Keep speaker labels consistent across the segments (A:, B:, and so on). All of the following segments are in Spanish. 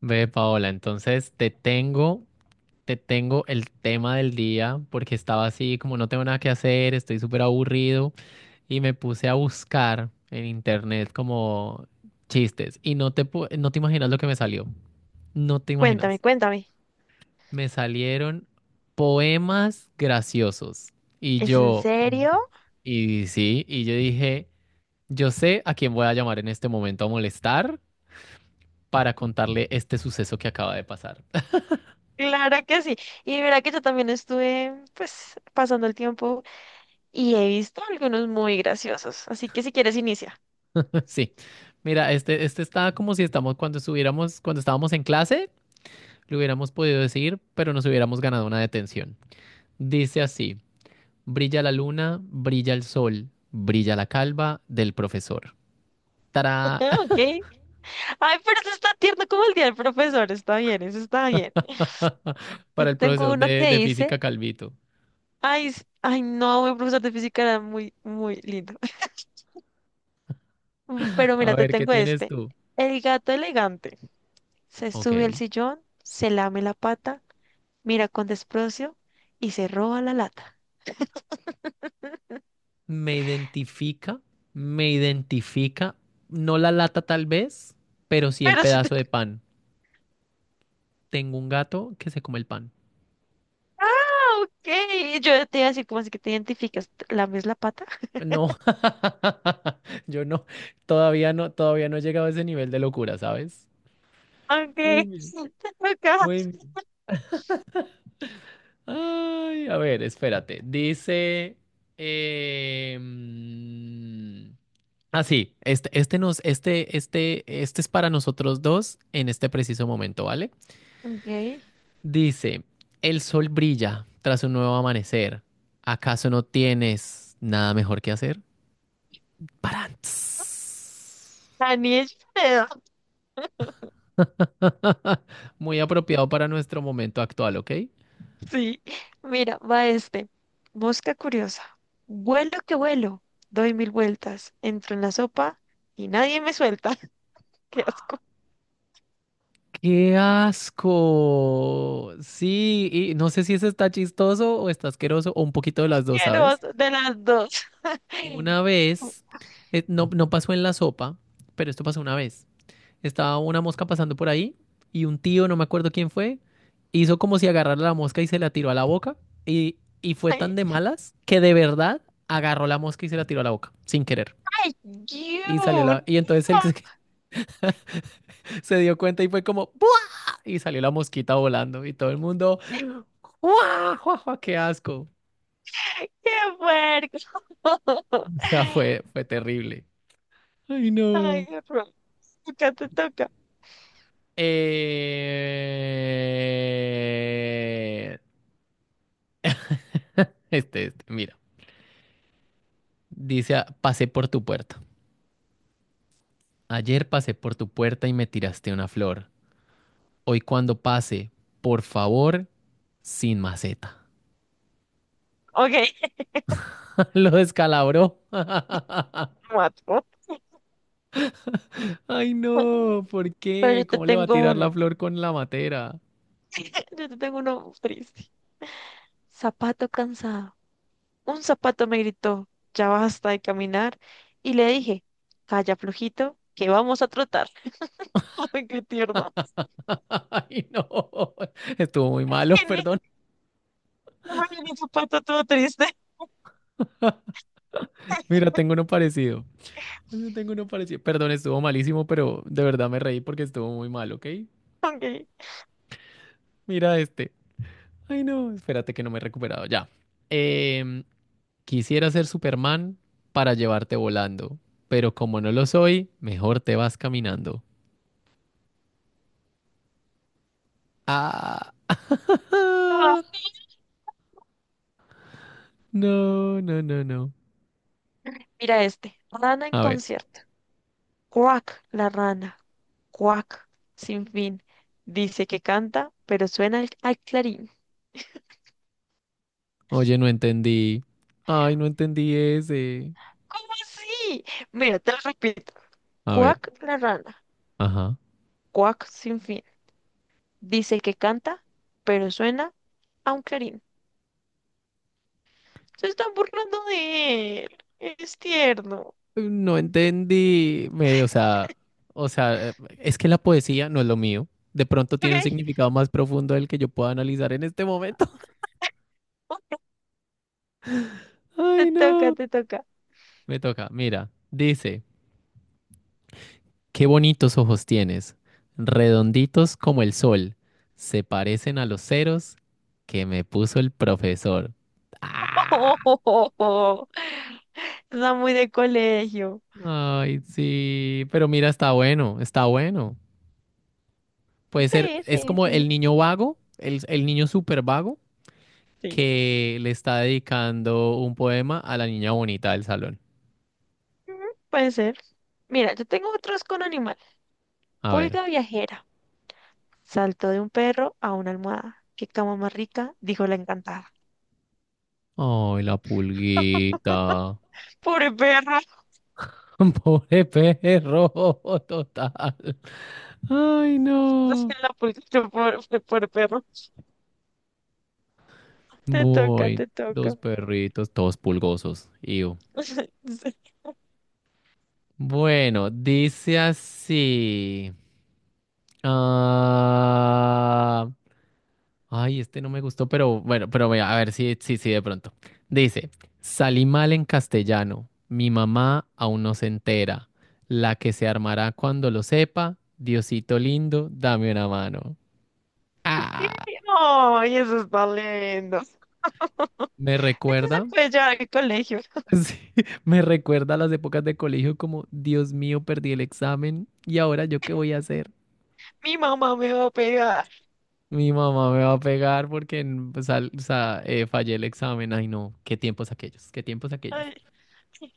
A: Ve, Paola, entonces te tengo el tema del día porque estaba así como no tengo nada que hacer, estoy súper aburrido y me puse a buscar en internet como chistes y no te imaginas lo que me salió, no te
B: Cuéntame,
A: imaginas.
B: cuéntame.
A: Me salieron poemas graciosos y
B: ¿Es en
A: yo,
B: serio?
A: y sí, y yo dije, yo sé a quién voy a llamar en este momento a molestar para contarle este suceso que acaba de pasar.
B: Claro que sí. Y mira que yo también estuve, pues, pasando el tiempo y he visto algunos muy graciosos. Así que si quieres, inicia.
A: Sí. Mira, este está como si estamos cuando estábamos en clase, lo hubiéramos podido decir, pero nos hubiéramos ganado una detención. Dice así: brilla la luna, brilla el sol, brilla la calva del profesor. Tará,
B: Ok. Ay, pero eso está tierno como el día del profesor. Está bien, eso está bien. Yo
A: para el
B: tengo
A: profesor
B: uno
A: de,
B: que
A: de
B: dice,
A: física Calvito.
B: ay, no, mi profesor de física era muy, muy lindo. Pero
A: A
B: mira, te
A: ver, ¿qué
B: tengo
A: tienes
B: este.
A: tú?
B: El gato elegante. Se
A: Ok.
B: sube al sillón, se lame la pata, mira con desprecio y se roba la lata.
A: Me identifica, me identifica, no la lata tal vez, pero sí el
B: Pero si te
A: pedazo de pan. Tengo un gato que se come el pan.
B: ok, yo te iba a decir, ¿cómo así que te identificas? ¿Lames la pata?
A: No, yo no, todavía no, todavía no he llegado a ese nivel de locura, ¿sabes? Muy
B: Ok,
A: bien,
B: acá.
A: muy bien. Ay, a ver, espérate. Dice. Eh, mm, sí, este es para nosotros dos en este preciso momento, ¿vale?
B: Ok,
A: Dice: el sol brilla tras un nuevo amanecer. ¿Acaso no tienes nada mejor que hacer? Parantz.
B: Daniel Fredo.
A: Muy apropiado para nuestro momento actual, ¿ok?
B: Sí, mira, va este. Mosca curiosa. Vuelo que vuelo, doy mil vueltas, entro en la sopa y nadie me suelta. Qué asco.
A: ¡Qué asco! Sí, y no sé si eso está chistoso o está asqueroso o un poquito de las dos, ¿sabes?
B: Asqueroso de las dos. Ay,
A: Una vez, no, no pasó en la sopa, pero esto pasó una vez. Estaba una mosca pasando por ahí y un tío, no me acuerdo quién fue, hizo como si agarrara la mosca y se la tiró a la boca y fue
B: ay,
A: tan de malas que de verdad agarró la mosca y se la tiró a la boca, sin querer. Y salió la...
B: you.
A: Y entonces él
B: No,
A: se dio cuenta y fue como... "¡Pu!". Y salió la mosquita volando y todo el mundo, ¡guau, guau, guau, qué asco!
B: qué puerco.
A: O sea, fue terrible. Ay,
B: Ay,
A: no.
B: horror. Acá te toca.
A: Eh, este, mira. Pasé por tu puerta. Ayer pasé por tu puerta y me tiraste una flor. Hoy cuando pase, por favor, sin maceta.
B: Ok.
A: Lo descalabró.
B: Mató.
A: Ay, no, ¿por
B: Pero yo
A: qué?
B: te
A: ¿Cómo le va a
B: tengo
A: tirar
B: uno.
A: la flor con la matera?
B: Yo te tengo uno triste. Zapato cansado. Un zapato me gritó, ya basta de caminar. Y le dije, calla flojito, que vamos a trotar. Ay, qué tierno.
A: Ay, no. Estuvo muy malo,
B: Viene,
A: perdón.
B: no me viene un zapato todo triste.
A: Mira, tengo uno parecido. Sí, tengo uno parecido. Perdón, estuvo malísimo, pero de verdad me reí porque estuvo muy mal, ¿ok?
B: Ok.
A: Mira este. Ay, no, espérate que no me he recuperado. Ya. Em, quisiera ser Superman para llevarte volando, pero como no lo soy, mejor te vas caminando. Ah,
B: Ah.
A: ah, no, no, no, no.
B: Mira este. Rana en
A: A ver.
B: concierto. Cuac, la rana. Cuac, sin fin. Dice que canta, pero suena al clarín.
A: Oye, no entendí. Ay, no entendí ese.
B: ¿Cómo así? Mira, te lo repito.
A: A ver.
B: Cuac la rana,
A: Ajá.
B: cuac sin fin. Dice que canta, pero suena a un clarín. Se están burlando de él. Es tierno.
A: No entendí, me- o sea, o sea, es que la poesía no es lo mío. De pronto
B: Ok,
A: tiene un significado más profundo del que yo pueda analizar en este momento.
B: te
A: Ay,
B: toca,
A: no.
B: te toca.
A: Me toca, mira, dice, qué bonitos ojos tienes, redonditos como el sol, se parecen a los ceros que me puso el profesor. Ah,
B: Está muy de colegio.
A: ay, sí, pero mira, está bueno, está bueno. Puede ser,
B: Sí,
A: es
B: sí,
A: como el
B: sí.
A: niño vago, el niño súper vago
B: Sí.
A: que le está dedicando un poema a la niña bonita del salón.
B: Ujú, puede ser. Mira, yo tengo otros con animal.
A: A ver.
B: Pulga viajera. Saltó de un perro a una almohada. Qué cama más rica, dijo la encantada.
A: Ay, la pulguita.
B: Pobre perro.
A: Pobre perro, total. Ay,
B: O
A: no.
B: sea, la pulcritud por perro. Te toca,
A: Voy,
B: te
A: dos
B: toca.
A: perritos, todos pulgosos. Iu. Bueno, dice así. Ah, Ay, este no me gustó, pero bueno, pero vea, a ver si sí, sí, de pronto. Dice, salí mal en castellano, mi mamá aún no se entera, la que se armará cuando lo sepa, Diosito lindo, dame una mano.
B: Sí,
A: Ah,
B: ay, eso está lindo.
A: me
B: Este se
A: recuerda,
B: puede llevar al colegio.
A: sí, me recuerda a las épocas de colegio como, Dios mío, perdí el examen y ahora yo qué voy a hacer.
B: Mi mamá me va a pegar.
A: Mi mamá me va a pegar porque fallé el examen. Ay, no, qué tiempos aquellos, qué tiempos aquellos.
B: Ay, sí.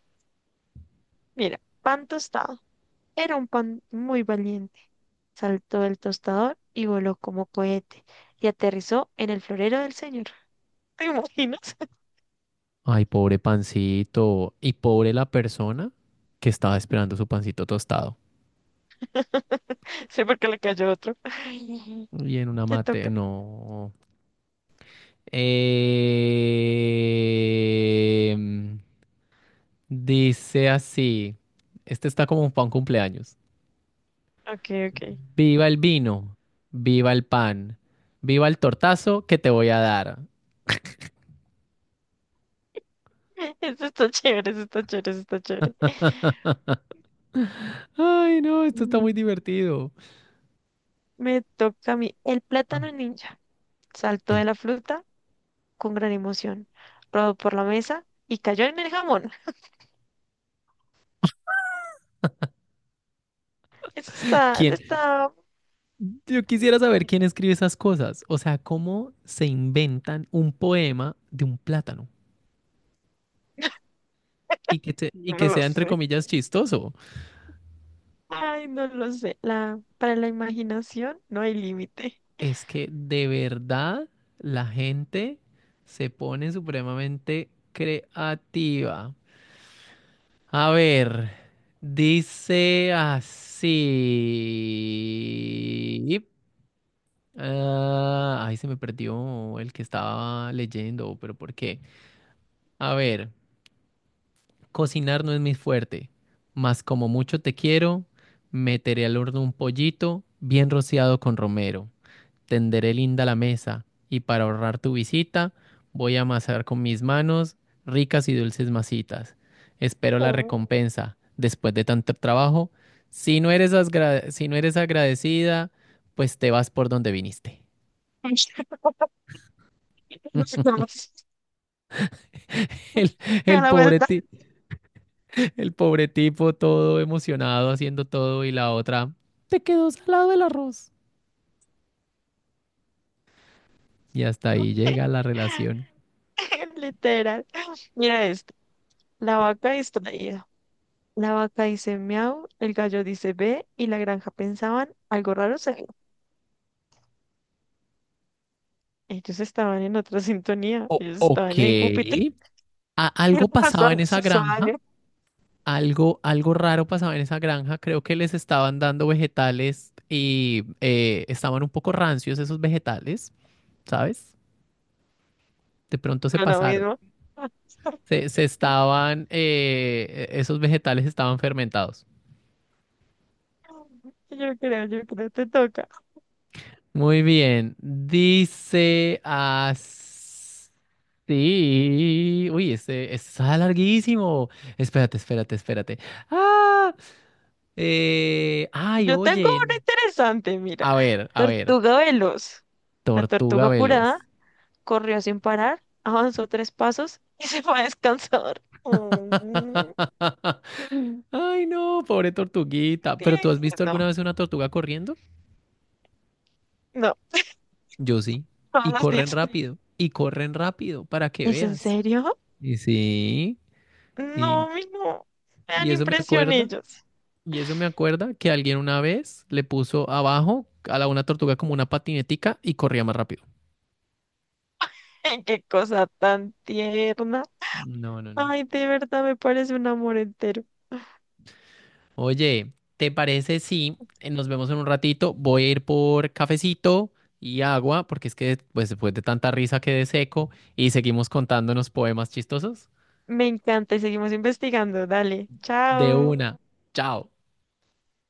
B: Mira, pan tostado. Era un pan muy valiente. Saltó del tostador y voló como cohete y aterrizó en el florero del señor. ¿Te imaginas?
A: Ay, pobre pancito. Y pobre la persona que estaba esperando su pancito tostado.
B: Sí, porque le cayó otro. Ay,
A: Y en una
B: te
A: mate,
B: toca.
A: no. Em, dice así. Este está como para un cumpleaños.
B: Ok, ok.
A: Viva el vino, viva el pan, viva el tortazo que te voy a dar.
B: Eso está chévere, eso está chévere, eso está chévere.
A: Ay, no, esto está muy
B: Mm.
A: divertido.
B: Me toca a mí. El
A: Ah.
B: plátano ninja saltó de
A: El-
B: la fruta con gran emoción, rodó por la mesa y cayó en el jamón. Eso está,
A: ¿Quién
B: está...
A: Yo quisiera saber quién escribe esas cosas. O sea, cómo se inventan un poema de un plátano y
B: No
A: que
B: lo
A: sea, entre
B: sé.
A: comillas, chistoso.
B: Ay, no lo sé. La, para la imaginación no hay límite.
A: Es que de verdad la gente se pone supremamente creativa. A ver, dice así. Ay, se me perdió el que estaba leyendo, pero ¿por qué? A ver. Cocinar no es mi fuerte, mas como mucho te quiero, meteré al horno un pollito bien rociado con romero. Tenderé linda la mesa y para ahorrar tu visita, voy a amasar con mis manos ricas y dulces masitas. Espero la
B: Oh.
A: recompensa después de tanto trabajo. Si no eres agradecida, pues te vas por donde viniste. El,
B: Que a
A: el
B: la
A: pobre
B: vuelta.
A: ti- El pobre tipo todo emocionado haciendo todo y la otra, te quedó salado el arroz. Y hasta ahí llega la relación.
B: Literal. Mira esto. La vaca distraída. La vaca dice miau, el gallo dice ve y la granja pensaban algo raro se ellos estaban en otra sintonía,
A: O-
B: ellos
A: ok.
B: estaban en Júpiter,
A: A-
B: el
A: algo pasaba
B: pastor
A: en
B: se
A: esa
B: hizo
A: granja,
B: daño,
A: algo raro pasaba en esa granja. Creo que les estaban dando vegetales y estaban un poco rancios esos vegetales, ¿sabes? De pronto se
B: era lo
A: pasaron.
B: mismo.
A: Esos vegetales estaban fermentados.
B: Yo creo, te toca.
A: Muy bien. Dice así. Uy, ese este está larguísimo. Espérate, espérate, espérate. Ah, ay,
B: Yo tengo
A: oye.
B: una interesante, mira.
A: A ver, a ver.
B: Tortuga veloz. La tortuga
A: Tortuga
B: apurada
A: veloz.
B: corrió sin parar, avanzó tres pasos y se fue a descansar. Mm,
A: Ay, no, pobre tortuguita. ¿Pero tú has visto
B: tierno.
A: alguna vez una tortuga corriendo?
B: No,
A: Yo sí.
B: todos los días.
A: Y corren rápido, para que
B: ¿Es en
A: veas.
B: serio?
A: Y sí, y,
B: No, mi no. Me
A: y
B: dan
A: eso me
B: impresión
A: acuerda.
B: ellos.
A: Y eso me acuerda que alguien una vez le puso abajo a la una tortuga como una patinetica y corría más rápido.
B: Qué cosa tan tierna.
A: No, no, no.
B: Ay, de verdad me parece un amor entero.
A: Oye, ¿te parece si nos vemos en un ratito? Voy a ir por cafecito y agua, porque es que pues, después de tanta risa quedé seco y seguimos contándonos poemas chistosos.
B: Me encanta y seguimos investigando. Dale,
A: De
B: chao.
A: una. Chao.